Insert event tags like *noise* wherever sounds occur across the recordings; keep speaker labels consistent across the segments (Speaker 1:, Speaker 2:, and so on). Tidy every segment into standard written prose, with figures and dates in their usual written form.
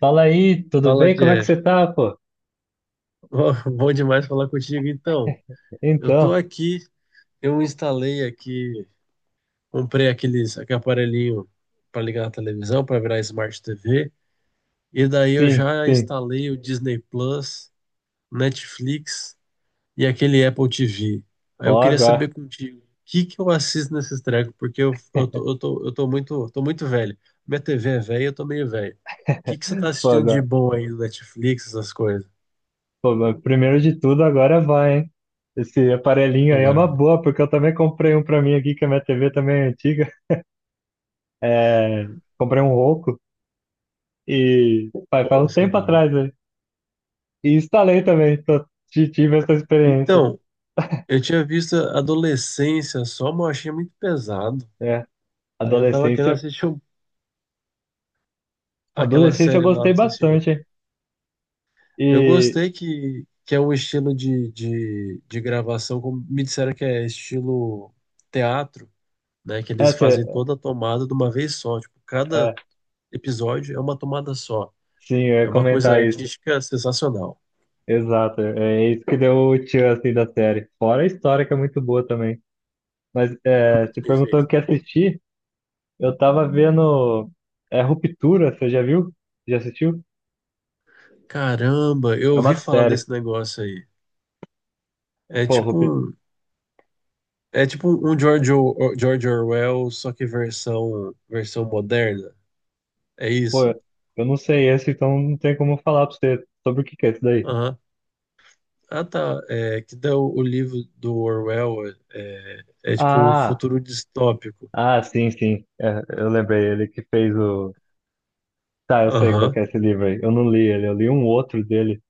Speaker 1: Fala aí, tudo
Speaker 2: Fala,
Speaker 1: bem? Como é que
Speaker 2: Jeff.
Speaker 1: você tá, pô?
Speaker 2: *laughs* Bom demais falar contigo. Então, eu tô
Speaker 1: Então,
Speaker 2: aqui, eu instalei aqui, comprei aquele aparelhinho para ligar na televisão, para virar Smart TV. E daí eu
Speaker 1: sim,
Speaker 2: já
Speaker 1: sim.
Speaker 2: instalei o Disney Plus, Netflix e aquele Apple TV. Aí eu
Speaker 1: Ó,
Speaker 2: queria
Speaker 1: agora,
Speaker 2: saber contigo, o que que eu assisto nesses trecos, porque eu tô muito velho. Minha TV é velha, eu tô meio velho. O que que você tá
Speaker 1: pô,
Speaker 2: assistindo de
Speaker 1: agora,
Speaker 2: bom aí no Netflix, essas coisas?
Speaker 1: pô, mas primeiro de tudo, agora vai, hein? Esse aparelhinho aí é
Speaker 2: Agora
Speaker 1: uma
Speaker 2: vai.
Speaker 1: boa, porque eu também comprei um pra mim aqui, que a minha TV também é antiga. É, comprei um Roku e faz
Speaker 2: Pô,
Speaker 1: um
Speaker 2: isso é
Speaker 1: tempo
Speaker 2: bom.
Speaker 1: atrás, né? E instalei também, tive essa experiência.
Speaker 2: Então, eu tinha visto Adolescência só, mas eu achei muito pesado.
Speaker 1: É,
Speaker 2: Aí eu tava querendo
Speaker 1: adolescência,
Speaker 2: assistir aquela
Speaker 1: adolescência eu
Speaker 2: série lá,
Speaker 1: gostei
Speaker 2: não sei se chegou a
Speaker 1: bastante,
Speaker 2: ver.
Speaker 1: hein?
Speaker 2: Eu
Speaker 1: E
Speaker 2: gostei que é um estilo de gravação, como me disseram que é estilo teatro, né? Que eles fazem
Speaker 1: essa,
Speaker 2: toda a tomada de uma vez só. Tipo,
Speaker 1: é,
Speaker 2: cada episódio é uma tomada só.
Speaker 1: sim, eu
Speaker 2: É
Speaker 1: ia
Speaker 2: uma coisa
Speaker 1: comentar isso.
Speaker 2: artística sensacional.
Speaker 1: Exato, é isso que deu o tchan assim da série. Fora a história que é muito boa também. Mas é, você perguntou o
Speaker 2: Perfeito,
Speaker 1: que
Speaker 2: né?
Speaker 1: assistir, eu tava vendo é Ruptura, você já viu? Já assistiu?
Speaker 2: Caramba, eu
Speaker 1: É uma
Speaker 2: ouvi falar
Speaker 1: série.
Speaker 2: desse negócio aí. É
Speaker 1: Pô,
Speaker 2: tipo
Speaker 1: Rupi...
Speaker 2: um- É tipo um George Orwell, só que versão moderna. É
Speaker 1: Pô,
Speaker 2: isso?
Speaker 1: eu não sei esse, então não tem como falar pra você sobre o que que é isso daí.
Speaker 2: Aham. Ah, tá. É, que dá o livro do Orwell é é tipo um
Speaker 1: Ah,
Speaker 2: futuro distópico.
Speaker 1: ah, sim, sim. É, eu lembrei, ele que fez o. Tá, eu sei qual
Speaker 2: Aham,
Speaker 1: que é esse livro aí. Eu não li ele, eu li um outro dele.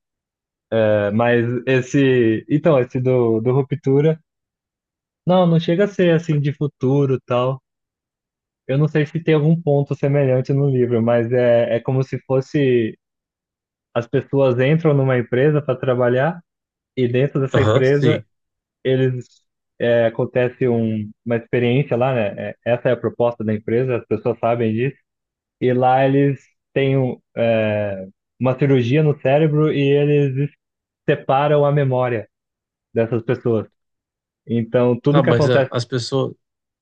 Speaker 1: É, mas esse. Então, esse do Ruptura. Não, não chega a ser assim de futuro e tal. Eu não sei se tem algum ponto semelhante no livro, mas é como se fosse as pessoas entram numa empresa para trabalhar e dentro dessa
Speaker 2: aham,
Speaker 1: empresa
Speaker 2: sim.
Speaker 1: eles acontece uma experiência lá, né? É, essa é a proposta da empresa, as pessoas sabem disso e lá eles têm uma cirurgia no cérebro e eles separam a memória dessas pessoas. Então tudo
Speaker 2: Tá,
Speaker 1: que
Speaker 2: mas
Speaker 1: acontece,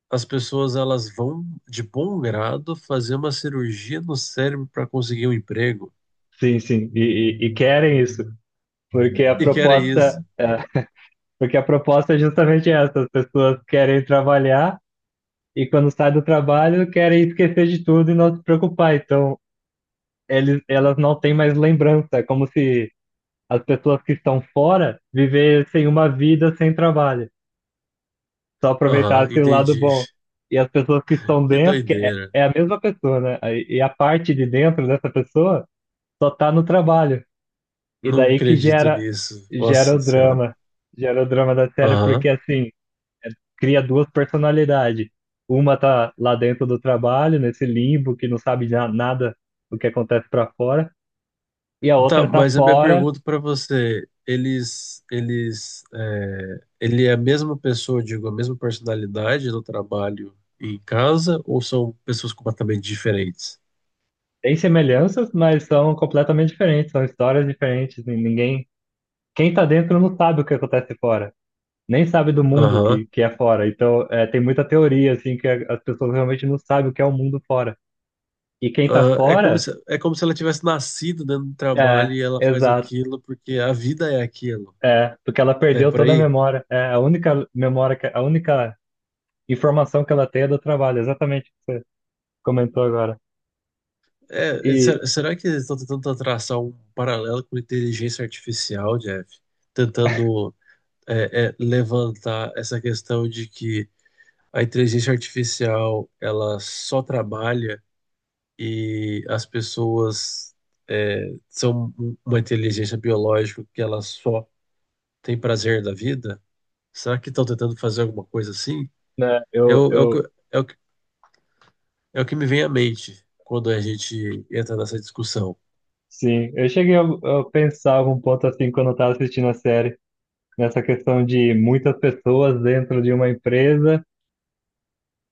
Speaker 2: as pessoas, elas vão de bom grado fazer uma cirurgia no cérebro para conseguir um emprego.
Speaker 1: sim, sim, e querem isso. Porque a
Speaker 2: E que era
Speaker 1: proposta,
Speaker 2: isso?
Speaker 1: é, Porque a proposta é justamente essa, as pessoas querem trabalhar e quando saem do trabalho querem esquecer de tudo e não se preocupar. Então, elas não têm mais lembrança, é como se as pessoas que estão fora vivessem uma vida sem trabalho, só
Speaker 2: Aham,
Speaker 1: aproveitassem o lado
Speaker 2: entendi.
Speaker 1: bom. E as pessoas que
Speaker 2: *laughs*
Speaker 1: estão
Speaker 2: Que
Speaker 1: dentro, que é,
Speaker 2: doideira.
Speaker 1: é a mesma pessoa, né? E a parte de dentro dessa pessoa só está no trabalho. E
Speaker 2: Não
Speaker 1: daí que
Speaker 2: acredito
Speaker 1: gera,
Speaker 2: nisso.
Speaker 1: gera
Speaker 2: Nossa
Speaker 1: o
Speaker 2: Senhora.
Speaker 1: drama. Gera o drama da série,
Speaker 2: Aham.
Speaker 1: porque assim, é- cria duas personalidades. Uma tá lá dentro do trabalho, nesse limbo, que não sabe nada do que acontece pra fora, e a
Speaker 2: Tá,
Speaker 1: outra tá
Speaker 2: mas a minha
Speaker 1: fora.
Speaker 2: pergunta para você, ele é a mesma pessoa, digo, a mesma personalidade no trabalho e em casa, ou são pessoas completamente diferentes?
Speaker 1: Tem semelhanças, mas são completamente diferentes, são histórias diferentes. Quem tá dentro não sabe o que acontece fora, nem sabe do mundo
Speaker 2: Aham.
Speaker 1: que é fora. Então, tem muita teoria assim que as pessoas realmente não sabem o que é o mundo fora. E quem tá
Speaker 2: Ah,
Speaker 1: fora,
Speaker 2: é como se ela tivesse nascido dentro do trabalho
Speaker 1: é,
Speaker 2: e ela faz
Speaker 1: exato.
Speaker 2: aquilo porque a vida é aquilo,
Speaker 1: É, porque ela
Speaker 2: né?
Speaker 1: perdeu
Speaker 2: Por
Speaker 1: toda a
Speaker 2: aí?
Speaker 1: memória. É, a única informação que ela tem é do trabalho, exatamente o que você comentou agora.
Speaker 2: É,
Speaker 1: E,
Speaker 2: será que eles estão tentando traçar um paralelo com inteligência artificial, Jeff? Tentando, levantar essa questão de que a inteligência artificial ela só trabalha e as pessoas são uma inteligência biológica que ela só tem prazer da vida? Será que estão tentando fazer alguma coisa assim?
Speaker 1: né, eu,
Speaker 2: É o
Speaker 1: eu,
Speaker 2: é o que, é o que me vem à mente quando a gente entra nessa discussão.
Speaker 1: sim, eu cheguei a pensar algum ponto assim quando eu estava assistindo a série, nessa questão de muitas pessoas dentro de uma empresa,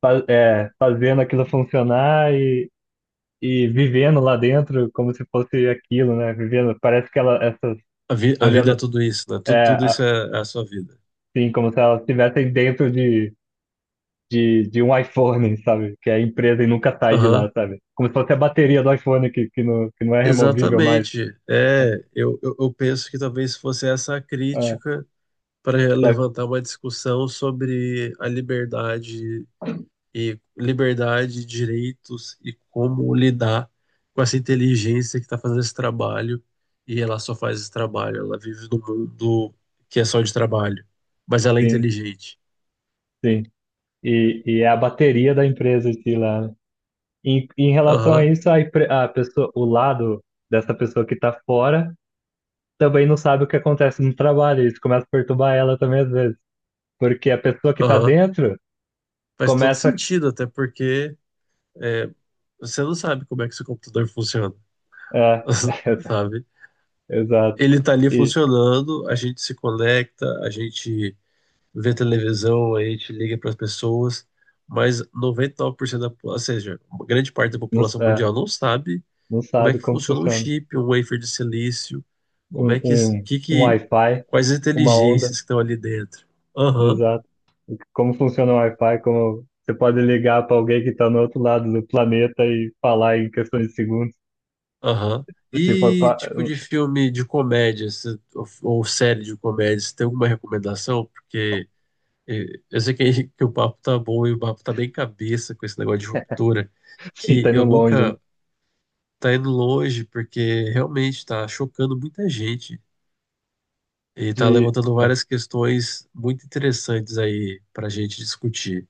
Speaker 1: fazendo aquilo funcionar e vivendo lá dentro como se fosse aquilo, né? Vivendo, parece que ela, essas,
Speaker 2: A vida é
Speaker 1: olhando,
Speaker 2: tudo isso, né? Tudo
Speaker 1: é,
Speaker 2: isso é a sua vida.
Speaker 1: assim, como se elas estivessem dentro de de um iPhone, sabe? Que é a empresa e nunca sai de
Speaker 2: Aham.
Speaker 1: lá, sabe? Como se fosse a bateria do iPhone que não, que não é removível mais.
Speaker 2: Exatamente. É, eu penso que talvez fosse essa a
Speaker 1: Ah,
Speaker 2: crítica para
Speaker 1: só que
Speaker 2: levantar uma discussão sobre a liberdade e liberdade, direitos e como lidar com essa inteligência que está fazendo esse trabalho e ela só faz esse trabalho, ela vive num mundo que é só de trabalho, mas ela é
Speaker 1: sim,
Speaker 2: inteligente.
Speaker 1: sim. E é a bateria da empresa em si lá. Em relação a
Speaker 2: Aham,
Speaker 1: isso, a pessoa, o lado dessa pessoa que tá fora também não sabe o que acontece no trabalho. Isso começa a perturbar ela também às vezes. Porque a pessoa que tá
Speaker 2: aham.
Speaker 1: dentro
Speaker 2: Faz todo
Speaker 1: começa.
Speaker 2: sentido, até porque é, você não sabe como é que seu computador funciona,
Speaker 1: É,
Speaker 2: *laughs*
Speaker 1: *laughs*
Speaker 2: sabe?
Speaker 1: exato.
Speaker 2: Ele tá ali
Speaker 1: E
Speaker 2: funcionando, a gente se conecta, a gente vê televisão, a gente liga para as pessoas, mas 99% da, ou seja, uma grande parte da
Speaker 1: não,
Speaker 2: população mundial não sabe
Speaker 1: não
Speaker 2: como é
Speaker 1: sabe
Speaker 2: que
Speaker 1: como
Speaker 2: funciona um
Speaker 1: funciona.
Speaker 2: chip, um wafer de silício, como
Speaker 1: um,
Speaker 2: é
Speaker 1: um, um
Speaker 2: que
Speaker 1: Wi-Fi,
Speaker 2: quais as
Speaker 1: uma onda,
Speaker 2: inteligências que estão ali dentro. Aham,
Speaker 1: exato. Como funciona o Wi-Fi, como você pode ligar para alguém que está no outro lado do planeta e falar em questões de segundos,
Speaker 2: aham.
Speaker 1: se for
Speaker 2: E
Speaker 1: pa...
Speaker 2: tipo de
Speaker 1: *laughs*
Speaker 2: filme de comédia, ou série de comédia, você tem alguma recomendação? Porque eu sei que *laughs* que o papo tá bom e o papo tá bem cabeça com esse negócio de ruptura,
Speaker 1: se
Speaker 2: que
Speaker 1: está indo
Speaker 2: eu
Speaker 1: longe, né?
Speaker 2: nunca tá indo longe, porque realmente tá chocando muita gente e tá
Speaker 1: De...
Speaker 2: levantando
Speaker 1: é,
Speaker 2: várias questões muito interessantes aí pra gente discutir.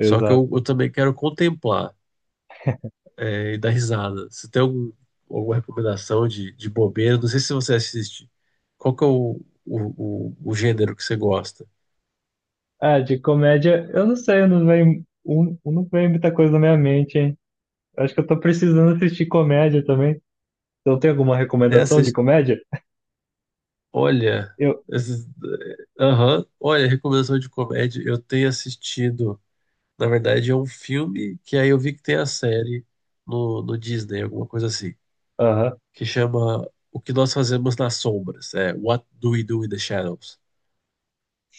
Speaker 2: Só que eu também quero contemplar, e dar risada. Você tem algum, alguma recomendação de bobeira? Não sei se você assiste. Qual que é o gênero que você gosta?
Speaker 1: Ah, de comédia, eu não sei, eu não vem, não vem muita coisa na minha mente, hein? Acho que eu tô precisando assistir comédia também. Então tem alguma
Speaker 2: É,
Speaker 1: recomendação de comédia?
Speaker 2: Olha,
Speaker 1: Eu,
Speaker 2: esses- aham, olha, recomendação de comédia. Eu tenho assistido, na verdade, é um filme que aí eu vi que tem a série no Disney, alguma coisa assim,
Speaker 1: aham,
Speaker 2: que chama O que Nós Fazemos nas Sombras, é What Do We Do in the Shadows,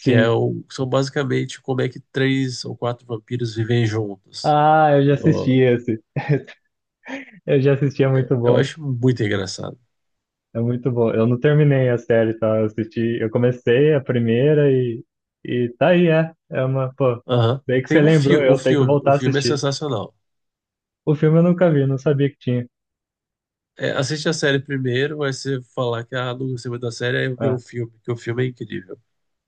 Speaker 2: que é o, são basicamente como é que três ou quatro vampiros vivem juntos.
Speaker 1: Ah, eu já assisti
Speaker 2: No-
Speaker 1: esse. *laughs* Eu já assisti, é muito
Speaker 2: eu
Speaker 1: bom.
Speaker 2: acho muito engraçado.
Speaker 1: É muito bom. Eu não terminei a série, tá? Eu assisti, eu comecei a primeira e tá aí. Pô,
Speaker 2: Aham.
Speaker 1: daí que
Speaker 2: Tem
Speaker 1: você lembrou, eu tenho que
Speaker 2: o
Speaker 1: voltar a
Speaker 2: filme é
Speaker 1: assistir.
Speaker 2: sensacional.
Speaker 1: O filme eu nunca vi, não sabia que tinha.
Speaker 2: É, assiste a série primeiro, aí você falar que ah, não gostei muito da série, aí eu ver o
Speaker 1: Ah,
Speaker 2: filme, que o filme é incrível.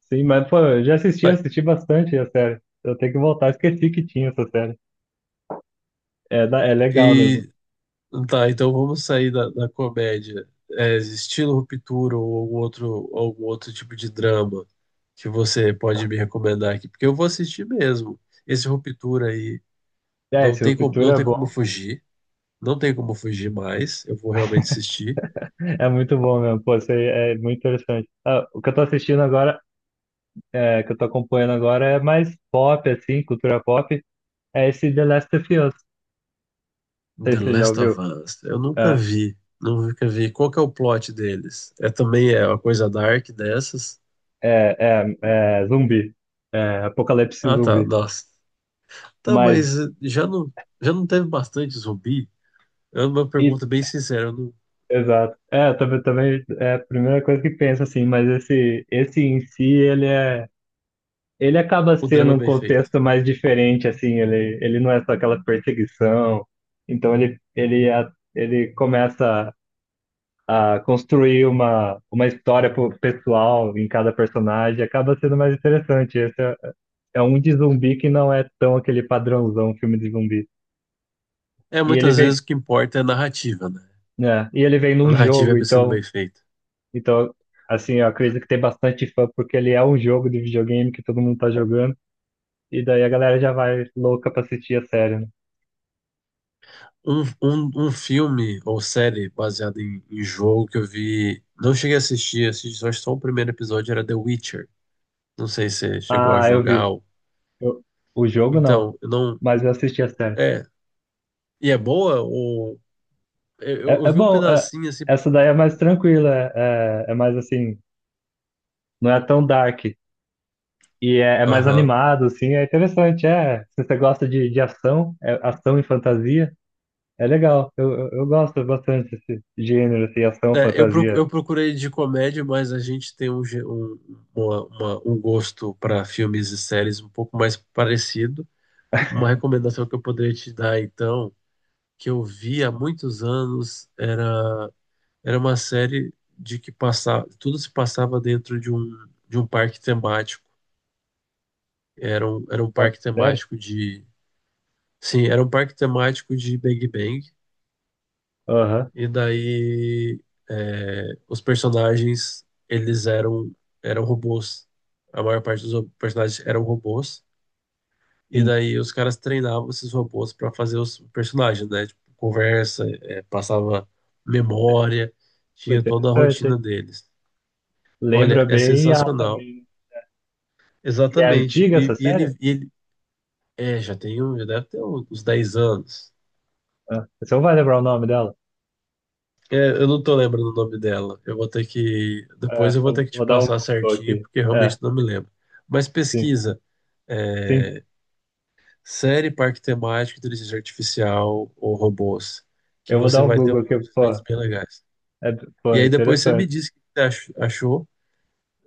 Speaker 1: sim, mas, pô, eu já assisti, eu
Speaker 2: Tá,
Speaker 1: assisti bastante a série. Eu tenho que voltar, esqueci que tinha essa série. É, é legal mesmo.
Speaker 2: e tá, então vamos sair da comédia. É, estilo Ruptura ou algum outro tipo de drama que você pode me recomendar aqui, porque eu vou assistir mesmo. Esse Ruptura aí
Speaker 1: É, esse Ruptura
Speaker 2: não
Speaker 1: é
Speaker 2: tem como
Speaker 1: bom.
Speaker 2: fugir, não tem como fugir mais, eu vou realmente assistir.
Speaker 1: É muito bom mesmo, pô, isso aí é muito interessante. Ah, o que eu tô assistindo agora, que eu tô acompanhando agora é mais pop, assim, cultura pop, é esse The Last of Us. Não sei
Speaker 2: The
Speaker 1: se você já
Speaker 2: Last
Speaker 1: ouviu.
Speaker 2: of Us. Eu nunca
Speaker 1: É,
Speaker 2: vi. Nunca vi. Qual que é o plot deles? É também é uma coisa dark dessas?
Speaker 1: é, é zumbi. É, apocalipse
Speaker 2: Ah, tá.
Speaker 1: zumbi.
Speaker 2: Nossa. Tá,
Speaker 1: Mas,
Speaker 2: mas já não teve bastante zumbi? É uma
Speaker 1: e,
Speaker 2: pergunta bem sincera. Eu não-
Speaker 1: Exato. É, também é a primeira coisa que penso, assim, mas esse em si, ele é. Ele acaba
Speaker 2: o
Speaker 1: sendo
Speaker 2: drama é
Speaker 1: um
Speaker 2: bem feito.
Speaker 1: contexto mais diferente, assim, ele não é só aquela perseguição. Então ele começa a construir uma história pessoal em cada personagem, acaba sendo mais interessante. Esse é um de zumbi que não é tão aquele padrãozão filme de zumbi.
Speaker 2: É,
Speaker 1: E ele
Speaker 2: muitas
Speaker 1: veio,
Speaker 2: vezes o que importa é a narrativa, né?
Speaker 1: né, e ele veio
Speaker 2: A
Speaker 1: num
Speaker 2: narrativa
Speaker 1: jogo,
Speaker 2: é sendo
Speaker 1: então,
Speaker 2: bem feita.
Speaker 1: então, assim, eu acredito que tem bastante fã, porque ele é um jogo de videogame que todo mundo tá jogando, e daí a galera já vai louca pra assistir a série, né?
Speaker 2: Um filme ou série baseado em jogo que eu vi. Não cheguei a assistir, assisti só o primeiro episódio, era The Witcher. Não sei se você chegou a
Speaker 1: Ah, eu
Speaker 2: jogar.
Speaker 1: vi. Eu- o jogo não,
Speaker 2: Então, eu não.
Speaker 1: mas eu assisti a série.
Speaker 2: É. E é boa? Ou... eu
Speaker 1: É, é
Speaker 2: vi um
Speaker 1: bom,
Speaker 2: pedacinho assim.
Speaker 1: essa daí é mais tranquila, é mais assim, não é tão dark. E é mais
Speaker 2: Aham.
Speaker 1: animado, assim, é interessante. Se você gosta de ação, é ação e fantasia. É legal, eu gosto bastante desse gênero, assim, ação,
Speaker 2: É,
Speaker 1: fantasia.
Speaker 2: eu procurei de comédia, mas a gente tem um gosto para filmes e séries um pouco mais parecido. Uma recomendação que eu poderia te dar, então, que eu vi há muitos anos, era, era uma série de que passava, tudo se passava dentro de um parque temático. Era um
Speaker 1: Ué,
Speaker 2: parque
Speaker 1: sério?
Speaker 2: temático de. Sim, era um parque temático de Bang Bang.
Speaker 1: Aham,
Speaker 2: E daí é, os personagens, eram robôs. A maior parte dos personagens eram robôs. E
Speaker 1: sim.
Speaker 2: daí os caras treinavam esses robôs para fazer os personagens, né? Tipo, conversa, é, passava memória,
Speaker 1: Foi
Speaker 2: tinha toda a
Speaker 1: interessante,
Speaker 2: rotina
Speaker 1: hein?
Speaker 2: deles.
Speaker 1: Lembra
Speaker 2: Olha, é
Speaker 1: bem a
Speaker 2: sensacional.
Speaker 1: também. E é
Speaker 2: Exatamente.
Speaker 1: antiga essa
Speaker 2: E,
Speaker 1: série?
Speaker 2: e ele é, já deve ter uns 10 anos.
Speaker 1: Ah, você não vai lembrar o nome dela?
Speaker 2: É, eu não tô lembrando o nome dela. Eu vou ter que. Depois
Speaker 1: É,
Speaker 2: eu vou ter
Speaker 1: eu
Speaker 2: que te
Speaker 1: vou dar um
Speaker 2: passar
Speaker 1: Google
Speaker 2: certinho,
Speaker 1: aqui.
Speaker 2: porque
Speaker 1: É,
Speaker 2: realmente não me lembro. Mas
Speaker 1: sim,
Speaker 2: pesquisa.
Speaker 1: sim.
Speaker 2: É, série Parque Temático, Inteligência Artificial ou Robôs. Que
Speaker 1: Eu vou
Speaker 2: você
Speaker 1: dar um
Speaker 2: vai ter
Speaker 1: Google aqui,
Speaker 2: uns sites
Speaker 1: pô.
Speaker 2: bem legais.
Speaker 1: É, pô,
Speaker 2: E
Speaker 1: é
Speaker 2: aí depois você me
Speaker 1: interessante.
Speaker 2: diz o que você achou.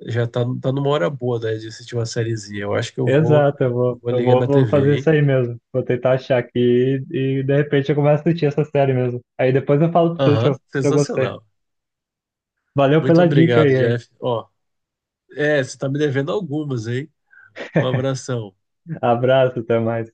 Speaker 2: Tá numa hora boa, né, de assistir uma sériezinha. Eu acho que
Speaker 1: Exato, eu
Speaker 2: eu
Speaker 1: vou,
Speaker 2: vou
Speaker 1: eu
Speaker 2: ligar
Speaker 1: vou,
Speaker 2: minha
Speaker 1: vou fazer
Speaker 2: TV,
Speaker 1: isso
Speaker 2: hein?
Speaker 1: aí mesmo. Vou tentar achar aqui e de repente eu começo a assistir essa série mesmo. Aí depois eu falo pra você se eu,
Speaker 2: Aham,
Speaker 1: se eu gostei.
Speaker 2: sensacional.
Speaker 1: Valeu
Speaker 2: Muito
Speaker 1: pela dica
Speaker 2: obrigado,
Speaker 1: aí, hein?
Speaker 2: Jeff. Ó, é, você tá me devendo algumas, hein? Um abração.
Speaker 1: Abraço, até mais.